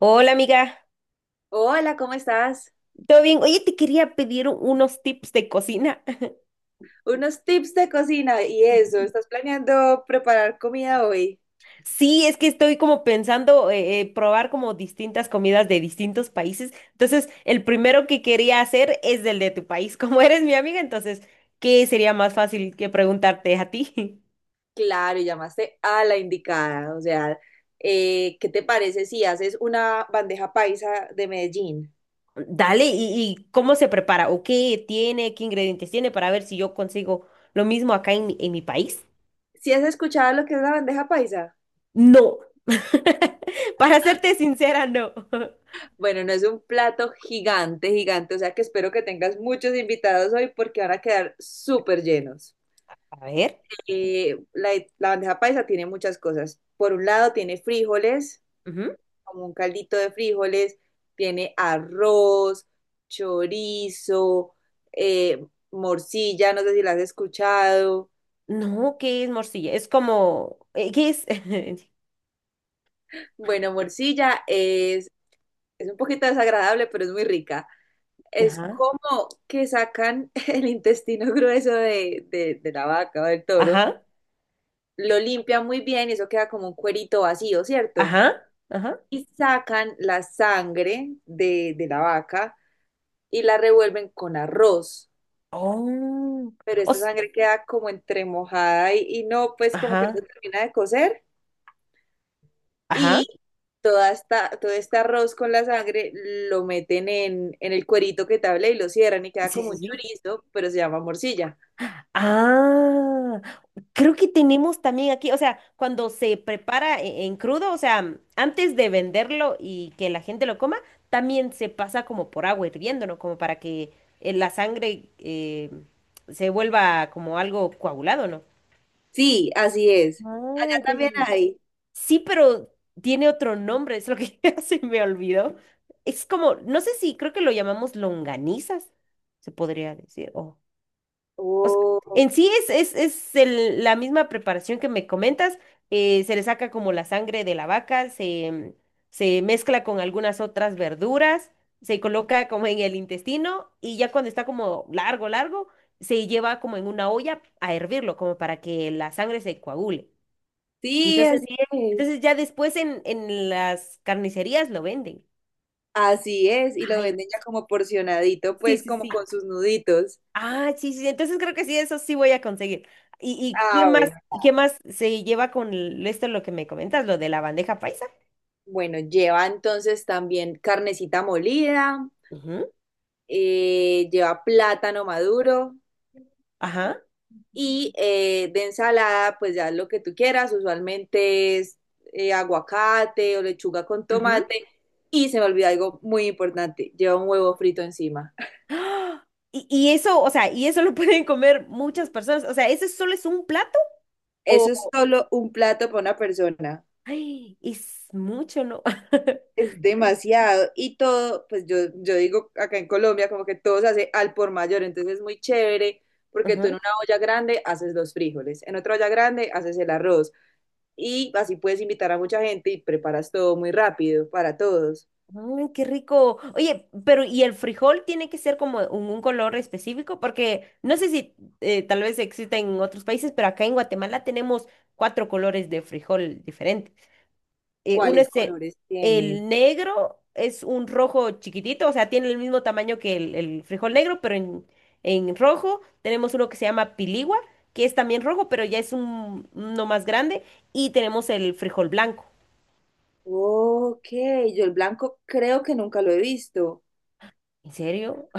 Hola amiga, Hola, ¿cómo estás? ¿todo bien? Oye, te quería pedir unos tips de cocina. Unos tips de cocina y eso, ¿estás planeando preparar comida hoy? Sí, es que estoy como pensando probar como distintas comidas de distintos países. Entonces, el primero que quería hacer es del de tu país. Como eres mi amiga, entonces, ¿qué sería más fácil que preguntarte a ti? Claro, y llamaste a la indicada, o sea, ¿qué te parece si haces una bandeja paisa de Medellín? Dale, ¿y cómo se prepara? ¿O qué tiene? ¿Qué ingredientes tiene para ver si yo consigo lo mismo acá en mi país? ¿Si has escuchado lo que es la bandeja paisa? No, para serte sincera, no. Bueno, no es un plato gigante, gigante, o sea que espero que tengas muchos invitados hoy porque van a quedar súper llenos. A ver. Eh, la la bandeja paisa tiene muchas cosas. Por un lado tiene frijoles, como un caldito de frijoles, tiene arroz, chorizo, eh, morcilla, no sé si la has escuchado. No, ¿qué es morcilla? Es como, ¿qué es? Bueno, es un poquito desagradable, pero es muy rica. Es Ajá, como que sacan el intestino grueso de la vaca o del toro, ajá, lo limpian muy bien y eso queda como un cuerito vacío, ¿cierto? ajá, ajá. Y sacan la sangre de la vaca y la revuelven con arroz, Oh, pero esta os- sangre queda como entremojada y no, pues como que no ajá, se termina de cocer. ajá. Y todo este arroz con la sangre lo meten en el cuerito que te hablé y lo cierran y queda Sí, como sí, un sí. chorizo, pero se llama morcilla. Ah, creo que tenemos también aquí, o sea, cuando se prepara en crudo, o sea, antes de venderlo y que la gente lo coma, también se pasa como por agua hirviendo, ¿no? Como para que la sangre se vuelva como algo coagulado, ¿no? Sí, así es. Ah, Allá ya, ya, también ya. hay. Sí, pero tiene otro nombre, es lo que ya se me olvidó. Es como, no sé si, creo que lo llamamos longanizas, se podría decir. O sea, Oh, en sí ok. Es la misma preparación que me comentas, se le saca como la sangre de la vaca, se mezcla con algunas otras verduras, se coloca como en el intestino y ya cuando está como largo, largo, se lleva como en una olla a hervirlo, como para que la sangre se coagule. Sí, así Entonces, es. entonces, ya después en las carnicerías lo venden. Así es. Y lo Ay, venden ya como porcionadito, sí, pues sí, como sí. con sus nuditos. Ah, sí, sí, sí. Entonces creo que sí, eso sí voy a conseguir. ¿Y qué Ah, más, bueno. y qué más se lleva con esto lo que me comentas, lo de la bandeja paisa? Bueno, lleva entonces también carnecita molida. Ujú. Eh, lleva plátano maduro Ajá. y de ensalada, pues ya lo que tú quieras, usualmente es aguacate o lechuga con Ujú. tomate. Y se me olvidó algo muy importante, lleva un huevo frito encima. ¡Ah! Y eso, o sea, y eso lo pueden comer muchas personas. O sea, ¿ese solo es un plato? O, Eso es solo un plato para una persona. ay, es mucho, ¿no? Es demasiado. Y todo, pues yo digo acá en Colombia, como que todo se hace al por mayor. Entonces es muy chévere porque tú en Ajá. una olla grande haces los frijoles, en otra olla grande haces el arroz, y así puedes invitar a mucha gente y preparas todo muy rápido para todos. Ay, qué rico. Oye, pero ¿y el frijol tiene que ser como un color específico? Porque no sé si tal vez exista en otros países, pero acá en Guatemala tenemos cuatro colores de frijol diferentes. Uno ¿Cuáles es colores tienen? el negro, es un rojo chiquitito, o sea, tiene el mismo tamaño que el frijol negro, pero en rojo tenemos uno que se llama piligua, que es también rojo, pero ya es un, uno más grande, y tenemos el frijol blanco. Ok, yo el blanco creo que nunca lo he visto. ¿En serio?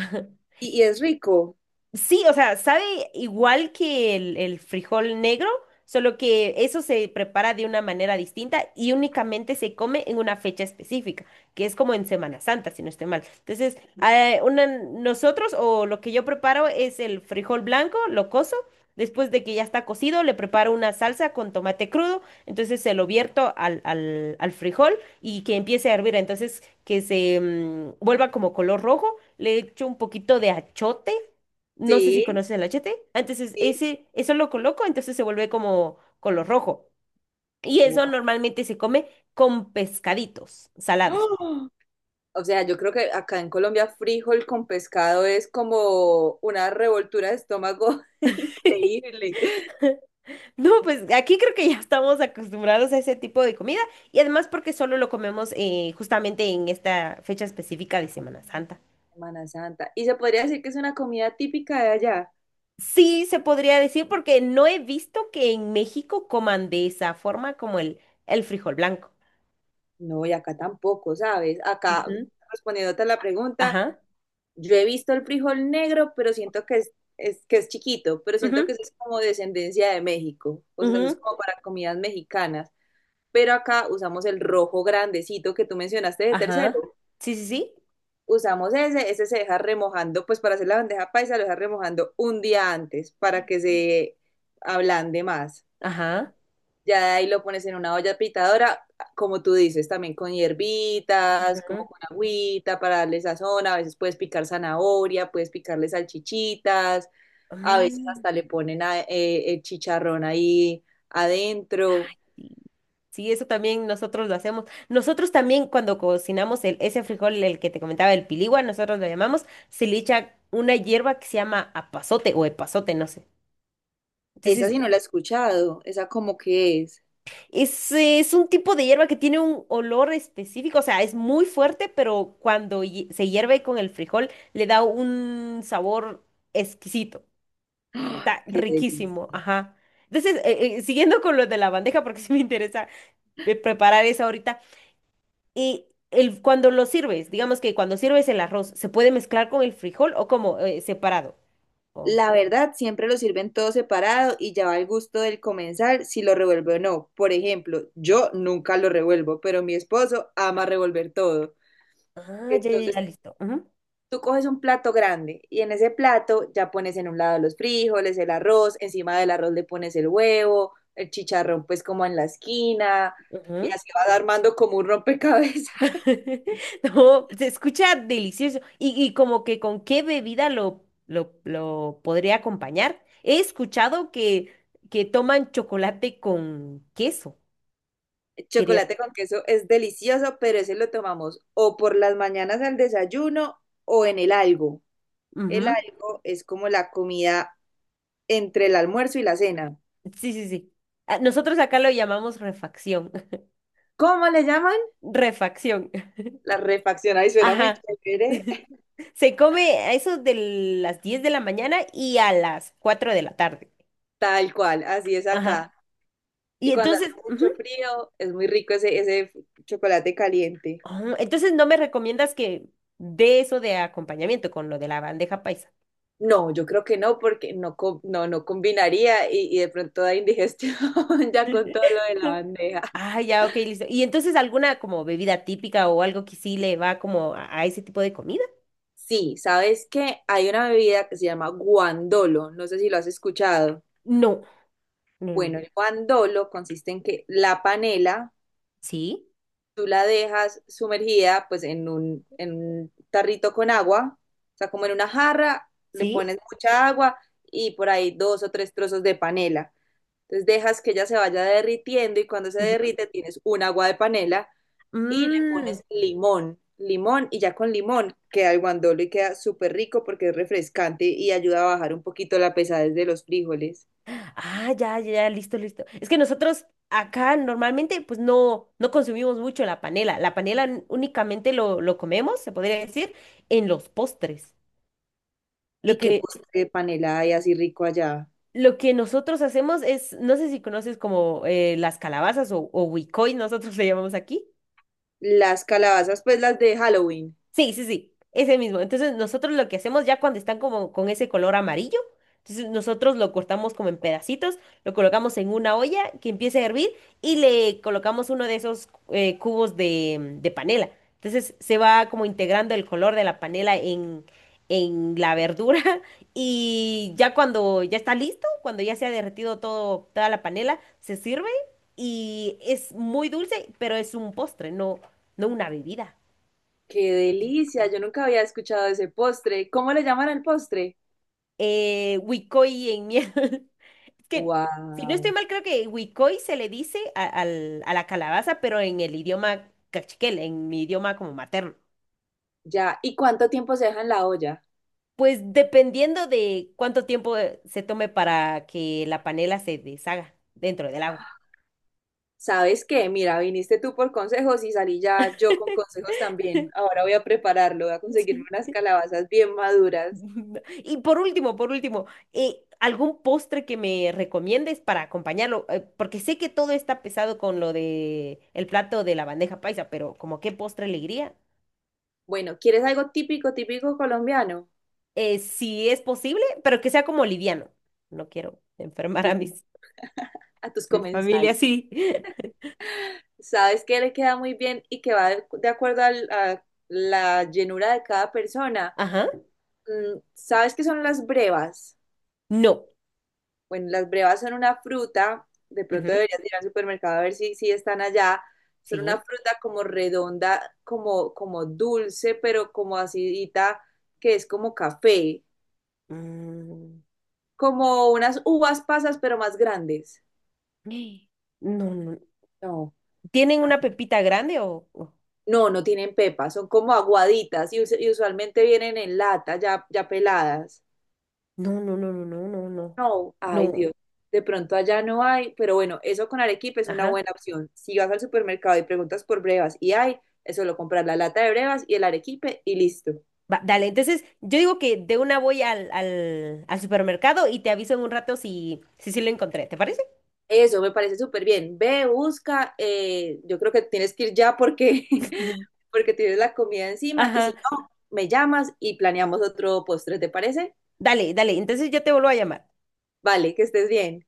Y es rico? Sí, o sea, sabe igual que el frijol negro, solo que eso se prepara de una manera distinta y únicamente se come en una fecha específica, que es como en Semana Santa, si no estoy mal. Entonces, nosotros o lo que yo preparo es el frijol blanco, lo cozo, después de que ya está cocido, le preparo una salsa con tomate crudo, entonces se lo vierto al frijol y que empiece a hervir, entonces que se vuelva como color rojo, le echo un poquito de achote, no sé si Sí, conoces el achete. Entonces, sí. ese, eso lo coloco, entonces se vuelve como color rojo. Y eso Guau. normalmente se come con pescaditos salados. ¡Ah! O sea, yo creo que acá en Colombia frijol con pescado es como una revoltura de estómago increíble. No, pues aquí creo que ya estamos acostumbrados a ese tipo de comida y además porque solo lo comemos justamente en esta fecha específica de Semana Santa. Semana Santa. ¿Y se podría decir que es una comida típica de allá? Sí, se podría decir porque no he visto que en México coman de esa forma como el frijol blanco. No, y acá tampoco, ¿sabes? Acá, Ujú. respondiéndote a la pregunta, Ajá. yo he visto el frijol negro, pero siento que es que es chiquito, pero siento que Ujú, eso es como descendencia de México, o sea, eso es ujú. como para comidas mexicanas. Pero acá usamos el rojo grandecito que tú mencionaste de Ajá. tercero. Sí, sí, sí. Usamos ese se deja remojando, pues para hacer la bandeja paisa lo deja remojando un día antes para que se ablande más. Ajá. Ya de ahí lo pones en una olla pitadora, como tú dices, también con hierbitas, como Ujú. con agüita para darle sazón. A veces puedes picar zanahoria, puedes picarle salchichitas, a veces Ah. hasta le ponen el chicharrón ahí Ay, adentro. sí. Sí, eso también nosotros lo hacemos. Nosotros también cuando cocinamos el, ese frijol, el que te comentaba, el piligua, nosotros lo llamamos, se le echa una hierba que se llama apazote o epazote, no sé. Esa Entonces, sí no la he escuchado, esa como que es. Es un tipo de hierba que tiene un olor específico, o sea, es muy fuerte, pero cuando se hierve con el frijol, le da un sabor exquisito. ¡Ay, Está qué riquísimo, delicia! ajá. Entonces, siguiendo con lo de la bandeja, porque sí me interesa preparar esa ahorita. Y el, cuando lo sirves, digamos que cuando sirves el arroz, ¿se puede mezclar con el frijol o como separado? Oh. La verdad, siempre lo sirven todo separado y ya va al gusto del comensal si lo revuelve o no. Por ejemplo, yo nunca lo revuelvo, pero mi esposo ama revolver todo. Ah, ya, ya, ya, Entonces listo. Ujú, tú coges un plato grande y en ese plato ya pones en un lado los frijoles, el arroz, encima del arroz le pones el huevo, el chicharrón pues como en la esquina y ujú. así vas armando como un rompecabezas. No, se escucha delicioso. Y como que con qué bebida lo podría acompañar. He escuchado que toman chocolate con queso. El Quería. chocolate con queso es delicioso, pero ese lo tomamos o por las mañanas al desayuno o en el algo. El Ujú. algo es como la comida entre el almuerzo y la cena. Sí, sí, sí. Ah, nosotros acá lo llamamos refacción. ¿Cómo le llaman? Refacción. La refacción, ahí suena muy Ajá. chévere. Se come a eso de las 10 de la mañana y a las 4 de la tarde. Tal cual, así es Ajá. acá. Y Y cuando hace entonces, ujú. mucho frío, es muy rico ese chocolate caliente. Oh, entonces no me recomiendas que dé eso de acompañamiento con lo de la bandeja paisa. No, yo creo que no, porque no, no, no combinaría y de pronto da indigestión ya con todo lo de la bandeja. Ah, ya, ok, listo. ¿Y entonces alguna como bebida típica o algo que sí le va como a ese tipo de comida? Sí, ¿sabes qué? Hay una bebida que se llama guandolo, no sé si lo has escuchado. No. Mm. Bueno, el guandolo consiste en que la panela ¿Sí? tú la dejas sumergida pues en un tarrito con agua, o sea, como en una jarra, le ¿Sí? pones mucha agua y por ahí dos o tres trozos de panela. Entonces dejas que ella se vaya derritiendo y cuando se Ujú. derrite tienes un agua de panela y le Mm. pones limón, limón y ya con limón queda el guandolo y queda súper rico porque es refrescante y ayuda a bajar un poquito la pesadez de los frijoles. Ah, ya, ya, ya, listo, listo. Es que nosotros acá normalmente pues no, no consumimos mucho la panela. La panela únicamente lo comemos, se podría decir, en los postres. Lo ¿Y qué que, postre de panela hay así rico allá? lo que nosotros hacemos es, no sé si conoces como las calabazas o huicoy, nosotros le llamamos aquí. Las calabazas, pues las de Halloween. Sí, sí, sí, ese mismo. Entonces nosotros lo que hacemos ya cuando están como con ese color amarillo, entonces nosotros lo cortamos como en pedacitos, lo colocamos en una olla que empiece a hervir y le colocamos uno de esos cubos de panela. Entonces se va como integrando el color de la panela en la verdura y ya cuando ya está listo, cuando ya se ha derretido todo, toda la panela, se sirve y es muy dulce, pero es un postre, no, no una bebida. ¡Qué delicia! Yo nunca había escuchado ese postre. ¿Cómo le llaman al postre? Huicoy en Es que, si no estoy ¡Wow! mal, creo que Huicoy se le dice a la calabaza, pero en el idioma cachiquel, en mi idioma como materno. Ya. ¿Y cuánto tiempo se deja en la olla? Pues dependiendo de cuánto tiempo se tome para que la panela se deshaga dentro del agua. ¿Sabes qué? Mira, viniste tú por consejos y salí ya yo con consejos también. Ahora voy a prepararlo, voy a conseguirme Sí. unas calabazas bien maduras. Y por último, ¿algún postre que me recomiendes para acompañarlo? Porque sé que todo está pesado con lo de el plato de la bandeja paisa, pero ¿como qué postre le iría? Bueno, ¿quieres algo típico, típico colombiano? Si es posible, pero que sea como liviano. No quiero enfermar Sí, a mis, a tus mi comensales. familia, sí. ¿Sabes qué le queda muy bien y que va de acuerdo a la llenura de cada persona? Ajá. Mm, ¿sabes qué son las brevas? No. Bueno, las brevas son una fruta, de Ujú. pronto deberías ir al supermercado a ver si, si están allá. Son una Sí. fruta como redonda, como, como dulce, pero como acidita, que es como café, Mm. como unas uvas pasas, pero más grandes. No, no. No. ¿Tienen una pepita grande o...? No, no tienen pepa, son como aguaditas y, y usualmente vienen en lata, ya, ya peladas. No, no, no, no, no, no, no. No, ay No. Dios, de pronto allá no hay, pero bueno, eso con Arequipa es una Ajá. buena opción. Si vas al supermercado y preguntas por brevas y hay, es solo comprar la lata de brevas y el arequipe y listo. Va, dale, entonces yo digo que de una voy al supermercado y te aviso en un rato si, si sí lo encontré, ¿te parece? Eso me parece súper bien. Ve, busca, yo creo que tienes que ir ya porque, porque tienes la comida encima y si Ajá. no, me llamas y planeamos otro postre, ¿te parece? Dale, dale. Entonces yo te vuelvo a llamar. Vale, que estés bien.